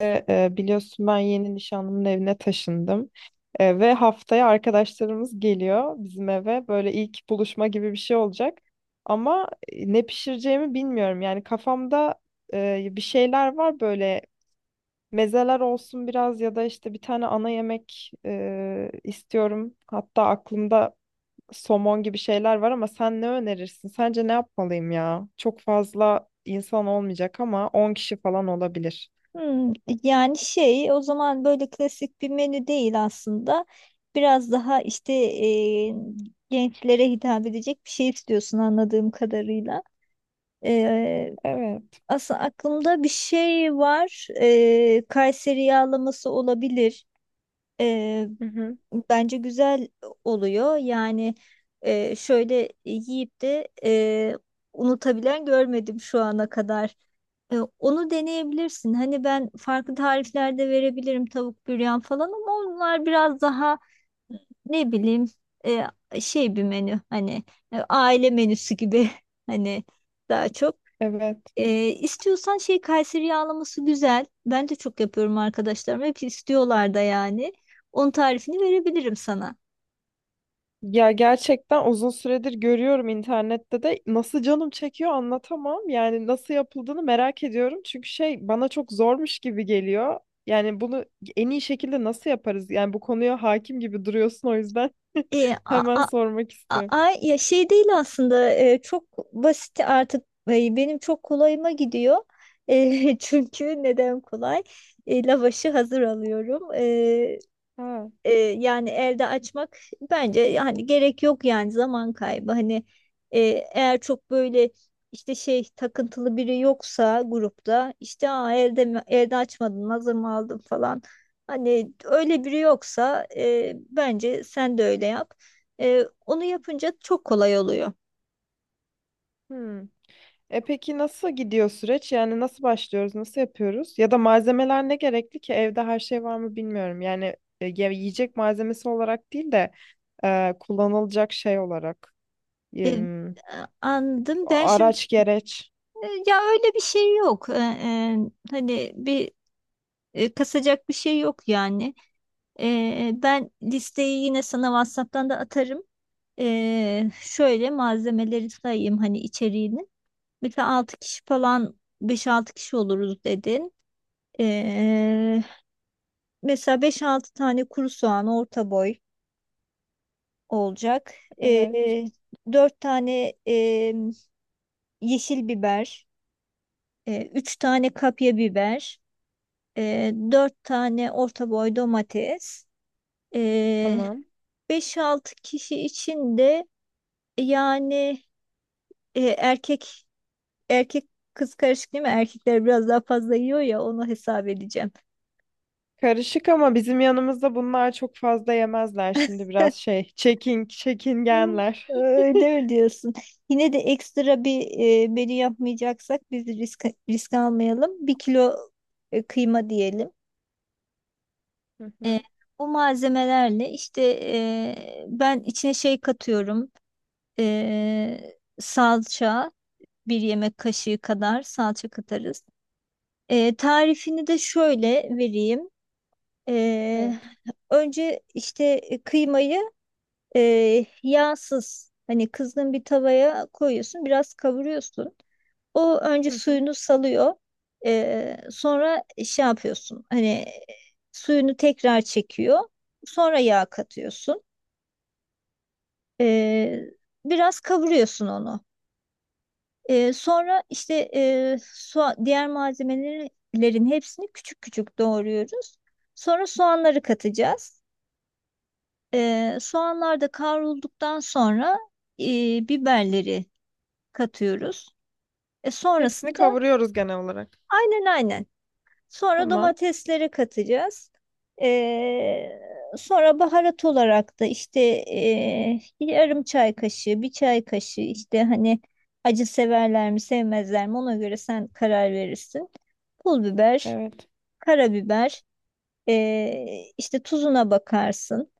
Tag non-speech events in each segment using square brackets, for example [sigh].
Biliyorsun ben yeni nişanlımın evine taşındım. Ve haftaya arkadaşlarımız geliyor bizim eve. Böyle ilk buluşma gibi bir şey olacak. Ama ne pişireceğimi bilmiyorum. Yani kafamda bir şeyler var böyle mezeler olsun biraz ya da işte bir tane ana yemek istiyorum. Hatta aklımda somon gibi şeyler var ama sen ne önerirsin? Sence ne yapmalıyım ya? Çok fazla insan olmayacak ama 10 kişi falan olabilir. Hmm, yani şey o zaman böyle klasik bir menü değil aslında. Biraz daha işte gençlere hitap edecek bir şey istiyorsun anladığım kadarıyla. E, Evet. Aslında aklımda bir şey var. Kayseri yağlaması olabilir. E, Hı hı. Bence güzel oluyor. Yani şöyle yiyip de unutabilen görmedim şu ana kadar. Onu deneyebilirsin. Hani ben farklı tariflerde verebilirim tavuk büryan falan ama onlar biraz daha ne bileyim şey bir menü, hani aile menüsü gibi [laughs] hani daha çok. Evet. İstiyorsan şey, Kayseri yağlaması güzel. Ben de çok yapıyorum, arkadaşlarım hep istiyorlar da yani. Onun tarifini verebilirim sana. Ya gerçekten uzun süredir görüyorum internette de nasıl canım çekiyor anlatamam. Yani nasıl yapıldığını merak ediyorum. Çünkü şey bana çok zormuş gibi geliyor. Yani bunu en iyi şekilde nasıl yaparız? Yani bu konuya hakim gibi duruyorsun, o yüzden E, [laughs] a- hemen a- sormak istiyorum. Ay ya, şey değil aslında, çok basit artık, benim çok kolayıma gidiyor. [laughs] Çünkü neden kolay? Lavaşı hazır alıyorum, Ha. Yani elde açmak bence yani gerek yok, yani zaman kaybı, hani e, eğer çok böyle işte şey takıntılı biri yoksa grupta, işte aa, elde elde açmadın, hazır mı aldın falan, hani öyle biri yoksa bence sen de öyle yap. Onu yapınca çok kolay oluyor. Hmm. E peki, nasıl gidiyor süreç? Yani nasıl başlıyoruz? Nasıl yapıyoruz? Ya da malzemeler ne gerekli ki? Evde her şey var mı bilmiyorum. Yani yiyecek malzemesi olarak değil de kullanılacak şey olarak. E, Em, Anladım ben şimdi, araç gereç. Ya öyle bir şey yok. Hani bir kasacak bir şey yok yani. Ben listeyi yine sana WhatsApp'tan da atarım. Şöyle malzemeleri sayayım, hani içeriğini. Mesela 6 kişi falan, beş altı kişi oluruz dedin. Ee, Mesela beş altı tane kuru soğan orta boy olacak. Ee, Evet. 4 tane yeşil biber, 3 tane kapya biber, 4 tane orta boy domates. Ee, Tamam. 5-6 kişi için de yani e, erkek erkek kız karışık değil mi? Erkekler biraz daha fazla yiyor ya, onu hesap edeceğim. Karışık ama bizim yanımızda bunlar çok fazla yemezler, şimdi biraz şey. Hı, Çekingenler. öyle mi diyorsun? Yine de ekstra bir menü yapmayacaksak biz risk almayalım. Bir kilo kıyma diyelim. Hı E, hı. Bu malzemelerle işte ben içine şey katıyorum. Salça, bir yemek kaşığı kadar salça katarız. Tarifini de şöyle vereyim. Ee, Evet. Önce işte kıymayı yağsız, hani kızgın bir tavaya koyuyorsun, biraz kavuruyorsun. O önce Hı hı. suyunu salıyor. Sonra şey yapıyorsun hani, suyunu tekrar çekiyor. Sonra yağ katıyorsun. Ee, Biraz kavuruyorsun onu. Sonra işte diğer malzemelerin hepsini küçük küçük doğruyoruz. Sonra soğanları katacağız. Soğanlar da kavrulduktan sonra biberleri katıyoruz. Hepsini Sonrasında kavuruyoruz genel olarak. aynen aynen. Sonra Tamam. domatesleri katacağız. Ee, Sonra baharat olarak da işte yarım çay kaşığı, bir çay kaşığı, işte hani acı severler mi sevmezler mi ona göre sen karar verirsin. Pul biber, Evet. karabiber, işte tuzuna bakarsın.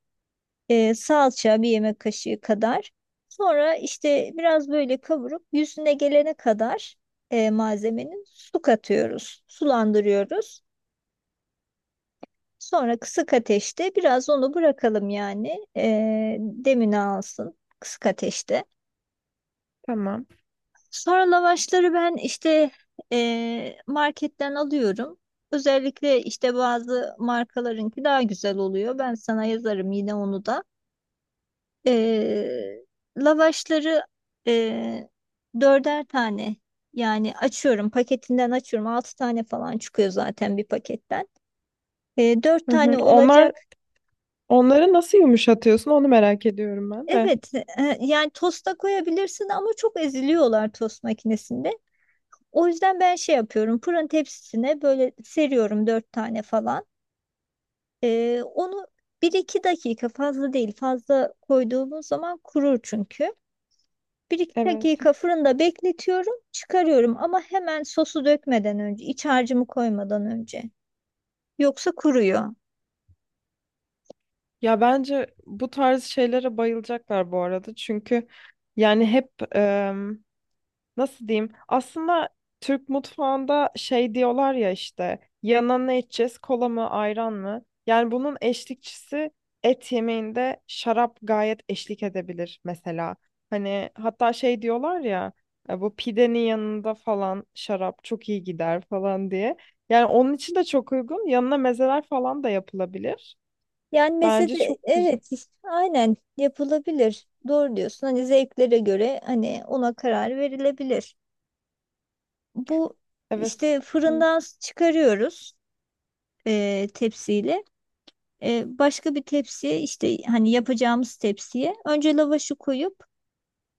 Salça bir yemek kaşığı kadar. Sonra işte biraz böyle kavurup yüzüne gelene kadar malzemenin, su katıyoruz, sulandırıyoruz. Sonra kısık ateşte biraz onu bırakalım yani, demini alsın kısık ateşte. Tamam. Sonra lavaşları ben işte marketten alıyorum. Özellikle işte bazı markalarınki daha güzel oluyor. Ben sana yazarım yine onu da. Ee, Lavaşları e, dörder tane, yani açıyorum paketinden, açıyorum altı tane falan çıkıyor zaten bir paketten. Dört Hı hı. tane olacak. Onları nasıl yumuşatıyorsun onu merak ediyorum ben de. Evet, yani tosta koyabilirsin ama çok eziliyorlar tost makinesinde. O yüzden ben şey yapıyorum, fırın tepsisine böyle seriyorum dört tane falan. Onu bir iki dakika, fazla değil, fazla koyduğumuz zaman kurur çünkü. Bir iki Evet. dakika fırında bekletiyorum, çıkarıyorum, ama hemen sosu dökmeden önce, iç harcımı koymadan önce. Yoksa kuruyor. Ya bence bu tarz şeylere bayılacaklar bu arada. Çünkü yani hep nasıl diyeyim? Aslında Türk mutfağında şey diyorlar ya, işte yanına ne içeceğiz? Kola mı, ayran mı? Yani bunun eşlikçisi et yemeğinde şarap gayet eşlik edebilir mesela. Hani hatta şey diyorlar ya, bu pidenin yanında falan şarap çok iyi gider falan diye. Yani onun için de çok uygun. Yanına mezeler falan da yapılabilir. Yani mesela Bence çok güzel. evet, aynen yapılabilir. Doğru diyorsun. Hani zevklere göre, hani ona karar verilebilir. Bu Evet. işte, Hı, fırından çıkarıyoruz tepsiyle. Başka bir tepsiye, işte hani yapacağımız tepsiye önce lavaşı koyup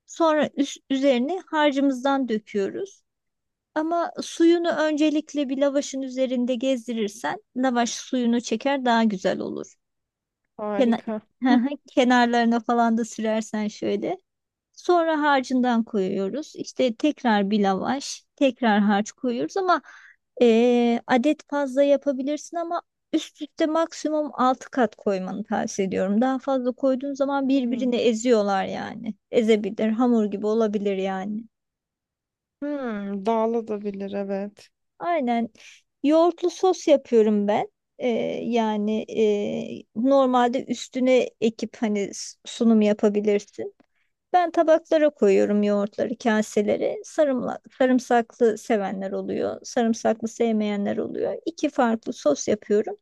sonra üzerine harcımızdan döküyoruz. Ama suyunu öncelikle bir lavaşın üzerinde gezdirirsen lavaş suyunu çeker, daha güzel olur. Kenar, harika. [laughs] kenarlarına falan da sürersen şöyle. Sonra harcından koyuyoruz. İşte tekrar bir lavaş, tekrar harç koyuyoruz, ama adet fazla yapabilirsin, ama üst üste maksimum 6 kat koymanı tavsiye ediyorum. Daha fazla koyduğun zaman Hmm. birbirini eziyorlar yani. Ezebilir, hamur gibi olabilir yani. Hmm, dağılabilir, evet. Aynen. Yoğurtlu sos yapıyorum ben. Ee, Yani normalde üstüne ekip hani sunum yapabilirsin. Ben tabaklara koyuyorum yoğurtları, kaselere. Sarımla, sarımsaklı sevenler oluyor, sarımsaklı sevmeyenler oluyor. İki farklı sos yapıyorum.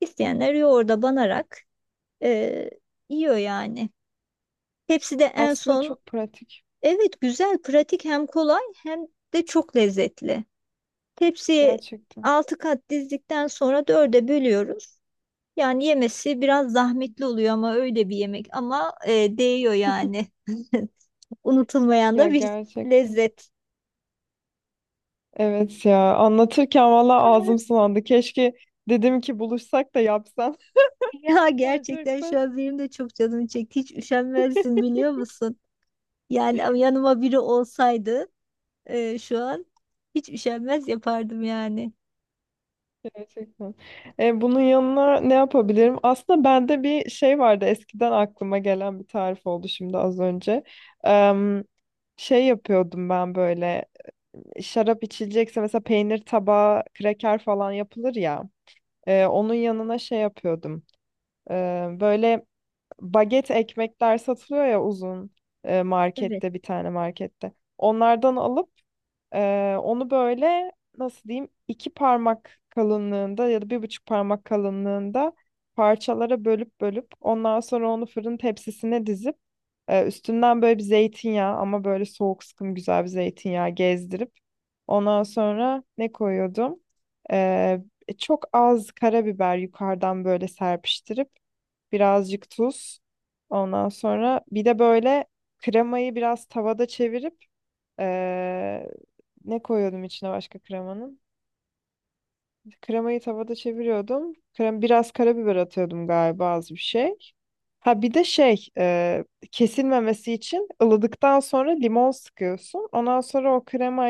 İsteyenler yoğurda banarak e, yiyor yani. Hepsi de en Aslında son, çok pratik. evet güzel, pratik, hem kolay hem de çok lezzetli. Tepsiye Gerçekten. 6 kat dizdikten sonra dörde bölüyoruz. Yani yemesi biraz zahmetli oluyor, ama öyle bir yemek ama, değiyor yani. [laughs] Unutulmayan Ya da bir gerçekten. lezzet. Evet ya. Anlatırken valla ağzım [laughs] Ah, sulandı. Keşke dedim ki buluşsak da yapsam. ya [laughs] gerçekten şu Gerçekten. an benim de çok canım çekti. Hiç üşenmezsin biliyor musun? Yani ama yanıma biri olsaydı şu an hiç üşenmez yapardım yani. Gerçekten. Bunun yanına ne yapabilirim? Aslında bende bir şey vardı. Eskiden aklıma gelen bir tarif oldu şimdi az önce. Em, şey yapıyordum ben böyle. Şarap içilecekse mesela peynir tabağı, kraker falan yapılır ya. Onun yanına şey yapıyordum. E, Böyle baget ekmekler satılıyor ya, uzun Evet, markette bir tane markette. Onlardan alıp onu böyle, nasıl diyeyim, iki parmak kalınlığında ya da bir buçuk parmak kalınlığında parçalara bölüp bölüp, ondan sonra onu fırın tepsisine dizip üstünden böyle bir zeytinyağı, ama böyle soğuk sıkım güzel bir zeytinyağı gezdirip ondan sonra ne koyuyordum? E, Çok az karabiber yukarıdan böyle serpiştirip birazcık tuz. Ondan sonra bir de böyle kremayı biraz tavada çevirip, eee, ne koyuyordum içine başka, kremanın? Kremayı tavada çeviriyordum. Krem biraz karabiber atıyordum galiba, az bir şey. Ha bir de şey, kesilmemesi için ılıdıktan sonra limon sıkıyorsun. Ondan sonra o krema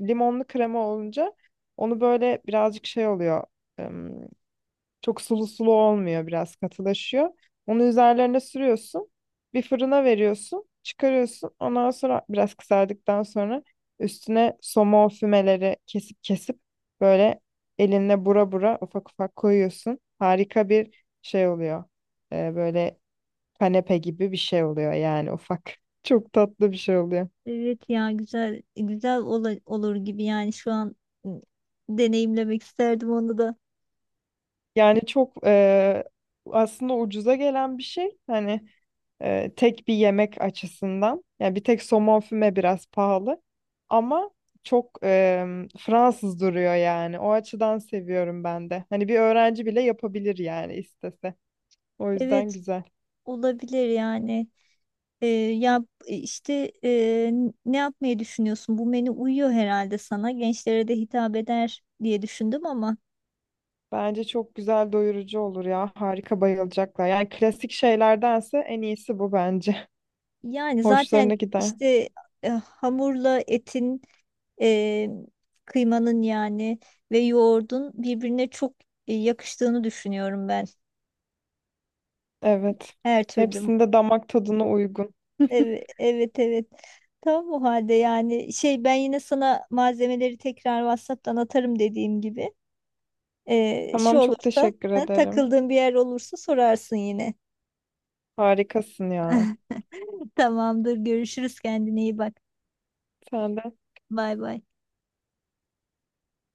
limonlu krema olunca onu böyle birazcık şey oluyor. Çok sulu sulu olmuyor, biraz katılaşıyor. Onu üzerlerine sürüyorsun. Bir fırına veriyorsun. Çıkarıyorsun. Ondan sonra biraz kızardıktan sonra üstüne somon fümeleri kesip kesip, böyle elinle bura bura ufak ufak koyuyorsun. Harika bir şey oluyor. Böyle kanepe gibi bir şey oluyor yani, ufak. [laughs] Çok tatlı bir şey oluyor. evet ya, güzel güzel olur gibi yani şu an, ı, deneyimlemek isterdim onu da. Yani çok aslında ucuza gelen bir şey. Hani tek bir yemek açısından. Yani bir tek somon füme biraz pahalı ama çok Fransız duruyor yani. O açıdan seviyorum ben de. Hani bir öğrenci bile yapabilir yani, istese. O yüzden Evet, güzel. olabilir yani. Ya işte ne yapmayı düşünüyorsun? Bu menü uyuyor herhalde sana. Gençlere de hitap eder diye düşündüm, ama Bence çok güzel, doyurucu olur ya. Harika, bayılacaklar. Yani klasik şeylerdense en iyisi bu bence. [laughs] yani Hoşlarına zaten gider. işte hamurla etin, e, kıymanın yani ve yoğurdun birbirine çok yakıştığını düşünüyorum ben. Evet. Her türlü. Hepsinde damak tadına uygun. Evet, [laughs] evet, evet. Tamam o halde, yani şey, ben yine sana malzemeleri tekrar WhatsApp'tan atarım dediğim gibi. Şu Tamam, çok olursa teşekkür ha, ederim. takıldığın bir yer olursa sorarsın yine. Harikasın ya. [laughs] Tamamdır. Görüşürüz. Kendine iyi bak. Sen de. Bay bay.